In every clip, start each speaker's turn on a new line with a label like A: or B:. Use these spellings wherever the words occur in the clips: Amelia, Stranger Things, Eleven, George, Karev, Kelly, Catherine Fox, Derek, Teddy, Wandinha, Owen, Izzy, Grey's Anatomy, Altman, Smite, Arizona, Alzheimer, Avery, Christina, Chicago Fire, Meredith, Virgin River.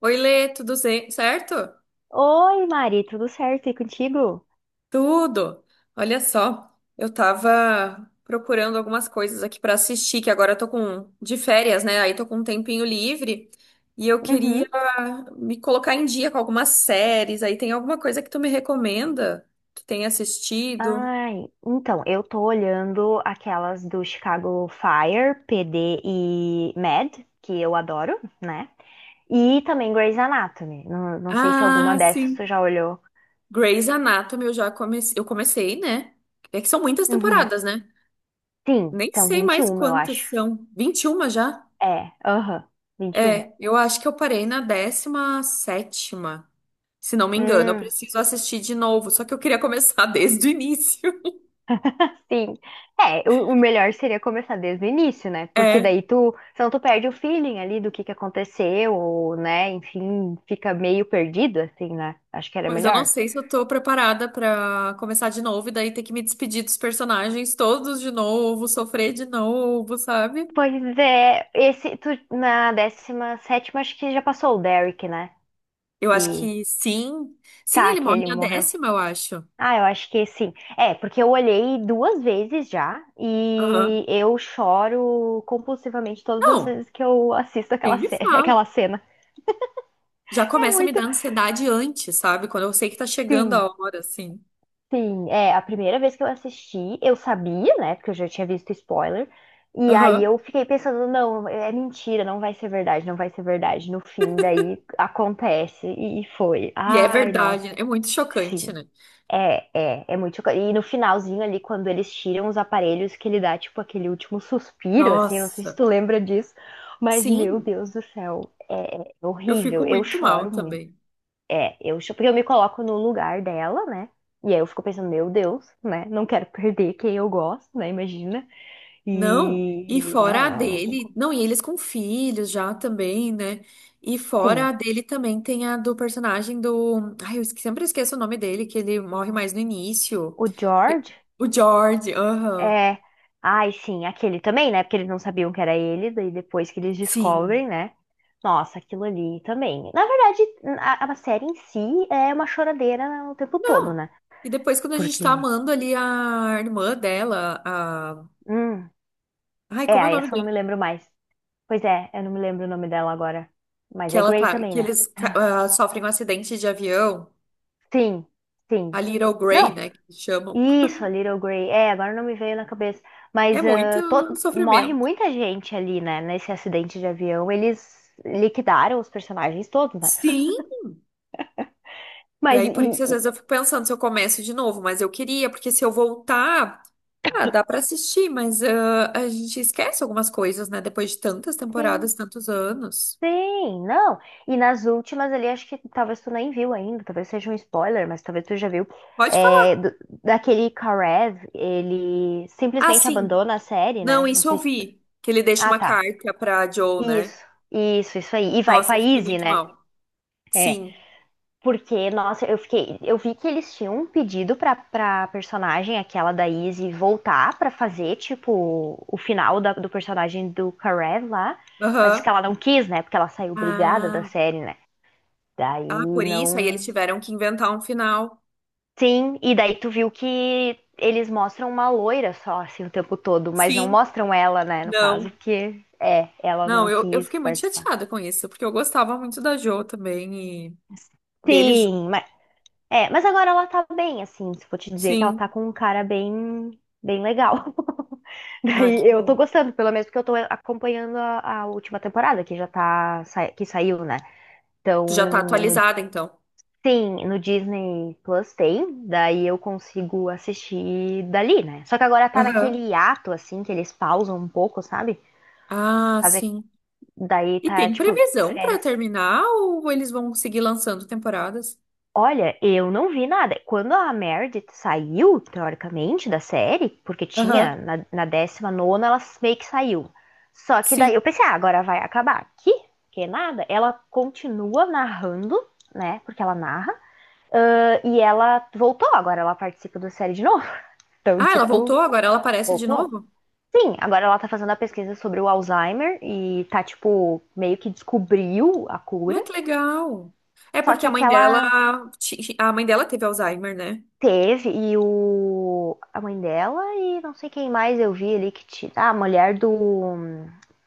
A: Oi, Lê, tudo certo?
B: Oi, Mari, tudo certo? E contigo?
A: Tudo. Olha só, eu tava procurando algumas coisas aqui pra assistir, que agora eu tô com de férias, né? Aí tô com um tempinho livre e eu queria
B: Uhum.
A: me colocar em dia com algumas séries. Aí tem alguma coisa que tu me recomenda que tenha assistido?
B: Ai, então, eu tô olhando aquelas do Chicago Fire, PD e Mad, que eu adoro, né? E também Grey's Anatomy. Não, não sei se alguma
A: Ah,
B: dessas tu
A: sim.
B: já olhou.
A: Grey's Anatomy, eu comecei, né? É que são muitas
B: Uhum.
A: temporadas, né?
B: Sim,
A: Nem
B: são
A: sei mais
B: 21, eu
A: quantas
B: acho.
A: são. 21 já?
B: É, aham, 21.
A: É, eu acho que eu parei na 17ª, se não me engano. Eu
B: Hum,
A: preciso assistir de novo, só que eu queria começar desde o início.
B: Sim. É, o melhor seria começar desde o início, né? Porque
A: É,
B: daí tu, senão tu perde o feeling ali do que aconteceu, ou, né? Enfim, fica meio perdido, assim, né? Acho que era
A: mas eu não
B: melhor.
A: sei se eu tô preparada pra começar de novo e daí ter que me despedir dos personagens todos de novo, sofrer de novo, sabe?
B: Pois é, tu, na décima sétima acho que já passou o Derek, né?
A: Eu acho
B: Que,
A: que sim. Sim,
B: tá,
A: ele
B: que
A: morre
B: ele
A: na
B: morreu.
A: décima, eu acho.
B: Ah, eu acho que sim. É, porque eu olhei duas vezes já
A: Aham.
B: e eu choro compulsivamente todas as
A: Não,
B: vezes que eu assisto
A: nem me fala.
B: aquela cena.
A: Já
B: É
A: começa a me
B: muito.
A: dar ansiedade antes, sabe? Quando eu sei que tá chegando
B: Sim,
A: a hora, assim.
B: Sim, é, a primeira vez que eu assisti, eu sabia, né, porque eu já tinha visto spoiler, e aí
A: Aham.
B: eu fiquei pensando, não, é mentira, não vai ser verdade, não vai ser verdade. No fim, daí acontece e foi.
A: E é
B: Ai, nossa,
A: verdade, né? É muito
B: sim.
A: chocante, né?
B: É muito chocante. E no finalzinho ali, quando eles tiram os aparelhos, que ele dá, tipo, aquele último suspiro, assim, não sei se
A: Nossa,
B: tu lembra disso, mas meu
A: sim,
B: Deus do céu, é
A: eu
B: horrível.
A: fico
B: Eu
A: muito mal
B: choro muito.
A: também.
B: É, porque eu me coloco no lugar dela, né? E aí eu fico pensando, meu Deus, né? Não quero perder quem eu gosto, né? Imagina.
A: Não, e
B: E
A: fora
B: não,
A: a
B: não, não tem
A: dele,
B: como.
A: não, e eles com filhos já também, né? E fora
B: Sim,
A: a dele também tem a do personagem do. Ai, sempre esqueço o nome dele, que ele morre mais no início.
B: o
A: E-
B: George
A: O George, aham,
B: é. Ai, sim, aquele também, né? Porque eles não sabiam que era ele, daí depois que eles
A: sim.
B: descobrem, né? Nossa, aquilo ali também. Na verdade, a série em si é uma choradeira o tempo todo,
A: Não,
B: né?
A: e depois quando a gente tá
B: Porque.
A: amando ali a irmã dela, a.
B: Hum,
A: Ai, como é o
B: é,
A: nome
B: essa eu não
A: dela?
B: me lembro mais. Pois é, eu não me lembro o nome dela agora. Mas
A: Que
B: é
A: ela
B: Grey
A: tá,
B: também,
A: que
B: né?
A: ah, sofrem um acidente de avião,
B: Sim,
A: a
B: sim.
A: Little Grey,
B: Não,
A: né, que chamam.
B: isso, a Little Grey. É, agora não me veio na cabeça. Mas
A: É muito
B: morre
A: sofrimento.
B: muita gente ali, né? Nesse acidente de avião. Eles liquidaram os personagens todos, né?
A: Sim, e
B: Mas,
A: aí,
B: e,
A: por isso, às
B: e-
A: vezes eu fico pensando se eu começo de novo, mas eu queria, porque se eu voltar, ah, dá pra assistir, mas ah, a gente esquece algumas coisas, né? Depois de tantas temporadas,
B: sim,
A: tantos anos.
B: sim, não. E nas últimas ali, acho que talvez tu nem viu ainda, talvez seja um spoiler, mas talvez tu já viu.
A: Pode falar.
B: É, daquele Karev, ele
A: Ah,
B: simplesmente
A: sim.
B: abandona a série,
A: Não,
B: né? Não
A: isso eu
B: sei se.
A: vi. Que ele deixa
B: Ah,
A: uma
B: tá.
A: carta pra Joe, né?
B: Isso, isso aí. E vai com
A: Nossa,
B: a
A: eu fiquei
B: Izzy,
A: muito
B: né?
A: mal.
B: É.
A: Sim.
B: Porque, nossa, eu vi que eles tinham um pedido pra, personagem, aquela da Izzy, voltar pra fazer, tipo, o final do personagem do Karev lá. Mas isso
A: Aham.
B: que ela não quis, né? Porque ela saiu brigada da
A: Ah,
B: série, né? Daí
A: ah, por isso aí eles
B: não.
A: tiveram que inventar um final.
B: Sim, e daí tu viu que eles mostram uma loira só, assim, o tempo todo, mas não
A: Sim.
B: mostram ela, né, no caso,
A: Não.
B: porque é, ela
A: Não,
B: não
A: eu
B: quis
A: fiquei muito
B: participar.
A: chateada com isso, porque eu gostava muito da Jo também e deles juntos.
B: Sim. É, mas agora ela tá bem, assim, se eu for te dizer que ela tá
A: Sim.
B: com um cara bem, bem legal.
A: Ai, que
B: Daí eu tô
A: bom.
B: gostando, pelo menos porque eu tô acompanhando a última temporada que já tá, que saiu, né? Então,
A: Tu já tá
B: no-
A: atualizada, então.
B: sim, no Disney Plus tem, daí eu consigo assistir dali, né? Só que agora tá naquele
A: Aham.
B: hiato, assim, que eles pausam um pouco, sabe?
A: Ah,
B: Fazer,
A: sim.
B: Daí
A: E
B: tá,
A: tem
B: tipo,
A: previsão pra
B: férias.
A: terminar ou eles vão seguir lançando temporadas?
B: Olha, eu não vi nada. Quando a Meredith saiu, teoricamente, da série, porque tinha
A: Aham.
B: na décima nona, ela meio que saiu. Só que
A: Sim.
B: daí eu pensei, ah, agora vai acabar aqui, que nada. Ela continua narrando, né? Porque ela narra. E ela voltou, agora ela participa da série de novo. Então,
A: Ah, ela
B: tipo,
A: voltou, agora ela aparece de
B: voltou.
A: novo?
B: Sim, agora ela tá fazendo a pesquisa sobre o Alzheimer e tá, tipo, meio que descobriu a
A: Ah,
B: cura.
A: que legal. É
B: Só
A: porque
B: que
A: a mãe
B: aquela.
A: dela, a mãe dela teve Alzheimer, né?
B: Teve, a mãe dela e não sei quem mais eu vi ali que tira. Ah, a mulher do.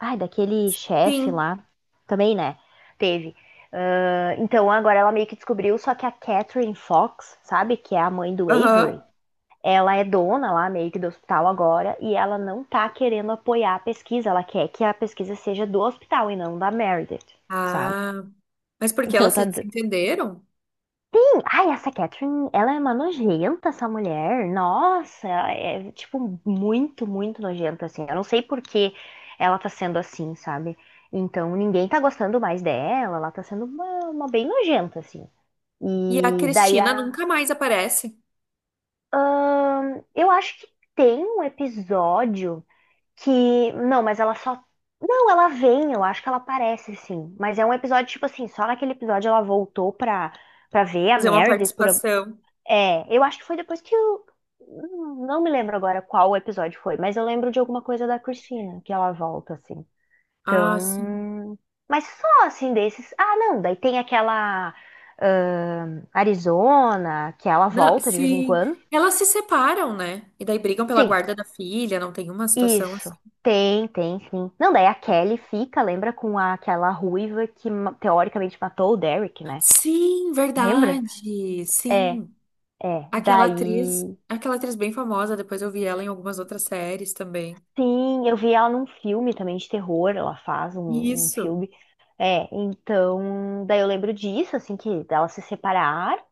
B: Ai, daquele chefe
A: Sim.
B: lá. Também, né? Teve. Ah, então agora ela meio que descobriu, só que a Catherine Fox, sabe? Que é a mãe do Avery.
A: Aham.
B: Ela é dona lá meio que do hospital agora e ela não tá querendo apoiar a pesquisa. Ela quer que a pesquisa seja do hospital e não da Meredith, sabe?
A: Ah, mas porque
B: Então
A: elas
B: tá.
A: se desentenderam?
B: Ai, essa Catherine, ela é uma nojenta, essa mulher. Nossa, é tipo muito, muito nojenta, assim. Eu não sei por que ela tá sendo assim, sabe? Então ninguém tá gostando mais dela, ela tá sendo uma bem nojenta, assim.
A: E a
B: E daí
A: Cristina
B: a.
A: nunca mais aparece.
B: Eu acho que tem um episódio que. Não, mas ela só. Não, ela vem, eu acho que ela aparece, sim. Mas é um episódio, tipo assim, só naquele episódio ela voltou pra ver a
A: Fazer uma
B: Meredith por,
A: participação.
B: é, eu acho que foi depois que eu. Não me lembro agora qual episódio foi, mas eu lembro de alguma coisa da Christina, que ela volta, assim.
A: Ah, sim.
B: Então. Mas só assim desses. Ah, não, daí tem aquela. Arizona, que ela
A: Não,
B: volta de vez em
A: sim.
B: quando.
A: Elas se separam, né? E daí brigam pela
B: Tem,
A: guarda da filha, não tem uma situação
B: isso.
A: assim.
B: Tem, tem, sim. Não, daí a Kelly fica, lembra com aquela ruiva que teoricamente matou o Derek, né?
A: Sim,
B: Lembra?
A: verdade.
B: É,
A: Sim.
B: é. Daí.
A: Aquela atriz bem famosa, depois eu vi ela em algumas outras séries também.
B: Sim, eu vi ela num filme também de terror, ela faz um
A: Isso.
B: filme. É, então, daí eu lembro disso, assim, que dela se separar.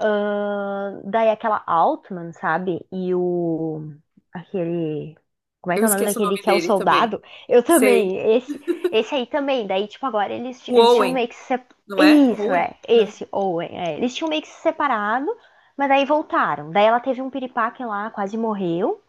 B: Daí aquela Altman, sabe? E o. Aquele. Como é que
A: Eu
B: é o nome
A: esqueço o
B: daquele
A: nome
B: que é o
A: dele também.
B: soldado? Eu também.
A: Sei.
B: Esse aí também. Daí, tipo, agora
A: O
B: eles tinham
A: Owen,
B: meio que se.
A: não é?
B: Isso,
A: Owen?
B: é.
A: Né?
B: Esse, Owen, é. Eles tinham meio que se separado, mas daí voltaram. Daí ela teve um piripaque lá, quase morreu.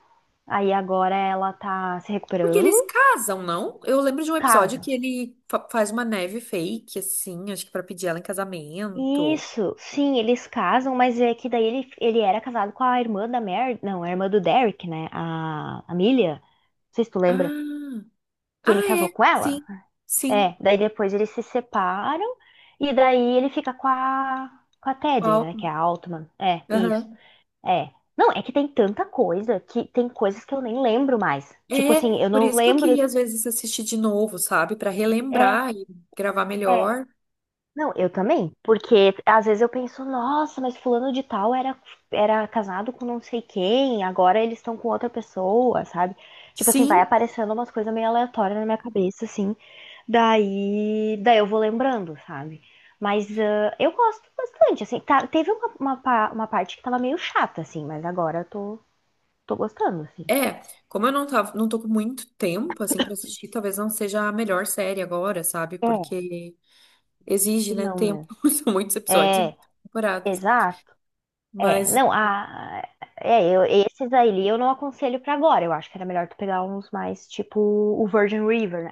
B: Aí agora ela tá se
A: Porque
B: recuperando,
A: eles casam, não? Eu lembro de um episódio
B: casa.
A: que faz uma neve fake, assim, acho que pra pedir ela em casamento.
B: Isso, sim, eles casam, mas é que daí ele era casado com a irmã da Mary, não, a irmã do Derek, né? A Amelia, não sei se tu lembra,
A: Ah.
B: que
A: Ah,
B: ele casou
A: é.
B: com ela.
A: Sim, sim.
B: É, daí depois eles se separam e daí ele fica com a Teddy, né?
A: Qual?
B: Que é a Altman. É, isso.
A: Aham.
B: É. Não, é que tem tanta coisa que tem coisas que eu nem lembro mais. Tipo
A: É,
B: assim, eu
A: por
B: não
A: isso que eu
B: lembro.
A: queria às vezes assistir de novo, sabe? Pra
B: É,
A: relembrar e gravar
B: é.
A: melhor.
B: Não, eu também, porque às vezes eu penso, nossa, mas fulano de tal era casado com não sei quem, agora eles estão com outra pessoa, sabe? Tipo assim, vai
A: Sim,
B: aparecendo umas coisas meio aleatórias na minha cabeça, assim, daí eu vou lembrando, sabe? Mas eu gosto bastante, assim, teve uma parte que tava meio chata, assim, mas agora eu tô gostando, assim.
A: é. Como eu não tava, não tô com muito tempo assim pra assistir, talvez não seja a melhor série agora, sabe?
B: É,
A: Porque exige,
B: que
A: né,
B: não
A: tempo.
B: mesmo.
A: São muitos episódios e
B: É,
A: muitas temporadas.
B: exato. É,
A: Mas
B: não, esses aí eu não aconselho pra agora. Eu acho que era melhor tu pegar uns mais, tipo o Virgin River, né?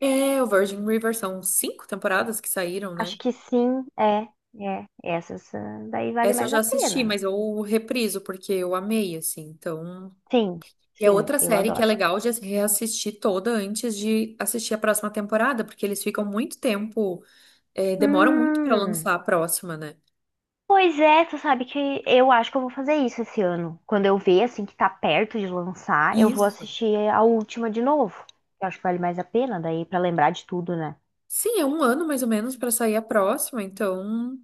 A: é, o Virgin River são cinco temporadas que saíram,
B: Acho
A: né?
B: que sim, é, é. Essas daí vale
A: Essa eu
B: mais
A: já
B: a
A: assisti,
B: pena, né?
A: mas eu repriso porque eu amei, assim. Então,
B: Sim,
A: e é
B: sim,
A: outra
B: eu
A: série que é
B: adoro.
A: legal de reassistir toda antes de assistir a próxima temporada, porque eles ficam muito tempo, é, demoram muito pra
B: Hum,
A: lançar a próxima, né?
B: Pois é, tu sabe que eu acho que eu vou fazer isso esse ano. Quando eu ver, assim, que tá perto de lançar, eu vou
A: Isso.
B: assistir a última de novo. Eu acho que vale mais a pena daí pra lembrar de tudo, né?
A: Sim, é um ano mais ou menos pra sair a próxima, então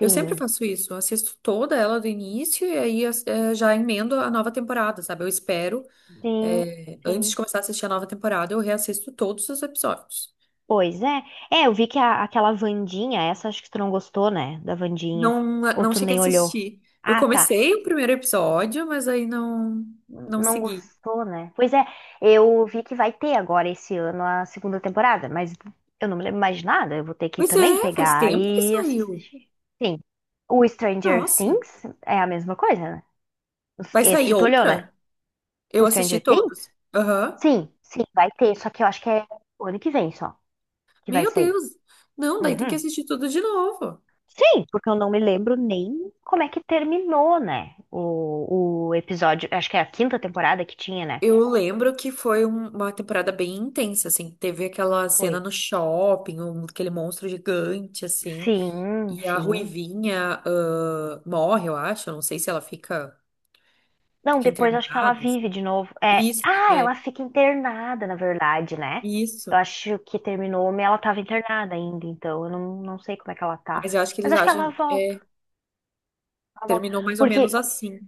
A: eu sempre faço isso, eu assisto toda ela do início e aí é, já emendo a nova temporada, sabe? Eu espero,
B: sim,
A: é, antes
B: sim.
A: de começar a assistir a nova temporada, eu reassisto todos os episódios.
B: Pois é. É, eu vi que aquela Wandinha, essa acho que tu não gostou, né? Da Wandinha.
A: Não,
B: Ou
A: não
B: tu
A: cheguei a
B: nem olhou.
A: assistir. Eu
B: Ah, tá.
A: comecei o primeiro episódio, mas aí não, não
B: Não
A: segui.
B: gostou, né? Pois é, eu vi que vai ter agora esse ano a segunda temporada, mas eu não me lembro mais de nada. Eu vou ter que
A: Pois
B: também
A: é, faz
B: pegar
A: tempo que
B: e
A: saiu.
B: assistir. Sim. O Stranger
A: Nossa,
B: Things é a mesma coisa, né?
A: vai sair
B: Esse tu olhou, né?
A: outra? Eu
B: O
A: assisti
B: Stranger Things?
A: todos. Aham.
B: Sim, sim, vai ter. Só que eu acho que é o ano que vem só que vai
A: Meu
B: sair.
A: Deus. Não, daí tem que
B: Uhum.
A: assistir tudo de novo.
B: Sim, porque eu não me lembro nem como é que terminou, né? O episódio, acho que é a quinta temporada que tinha, né?
A: Eu lembro que foi uma temporada bem intensa, assim. Teve aquela
B: Foi.
A: cena no shopping, aquele monstro gigante, assim.
B: Sim,
A: E a
B: sim.
A: Ruivinha, ah, morre, eu acho. Eu não sei se ela fica,
B: Não,
A: fica
B: depois acho que ela
A: internada, assim.
B: vive de novo. É,
A: Isso,
B: ah,
A: né?
B: ela fica internada, na verdade, né?
A: Isso.
B: Eu acho que terminou, mas ela tava internada ainda, então eu não, não sei como é que ela tá.
A: Mas eu acho que
B: Mas
A: eles
B: acho que ela
A: acham,
B: volta,
A: é,
B: ela volta.
A: terminou mais ou menos
B: Porque
A: assim.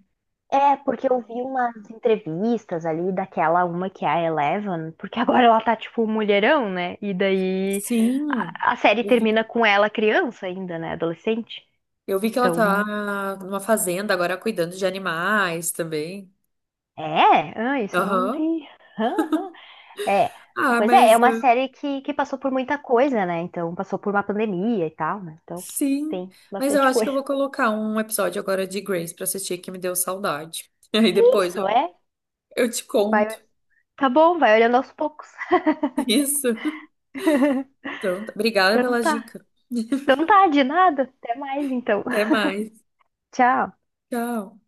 B: porque eu vi umas entrevistas ali daquela uma que é a Eleven, porque agora ela tá tipo mulherão, né? E daí
A: Sim.
B: a série termina com ela criança ainda, né? Adolescente.
A: Eu vi que ela tá
B: Então,
A: numa fazenda agora cuidando de animais também.
B: é, ah, isso eu não
A: Aham.
B: vi. Aham. É,
A: Ah,
B: pois é, é
A: mas
B: uma
A: eu-
B: série que passou por muita coisa, né? Então, passou por uma pandemia e tal, né? Então,
A: sim.
B: tem
A: Mas eu
B: bastante
A: acho que eu
B: coisa.
A: vou colocar um episódio agora de Grace pra assistir que me deu saudade. E aí depois
B: Isso, é.
A: eu te
B: Vai,
A: conto.
B: tá bom, vai olhando aos poucos.
A: Isso. Então, tá. Obrigada
B: Então
A: pela
B: tá.
A: dica.
B: Então tá, de nada. Até mais então.
A: Até mais.
B: Tchau.
A: Tchau.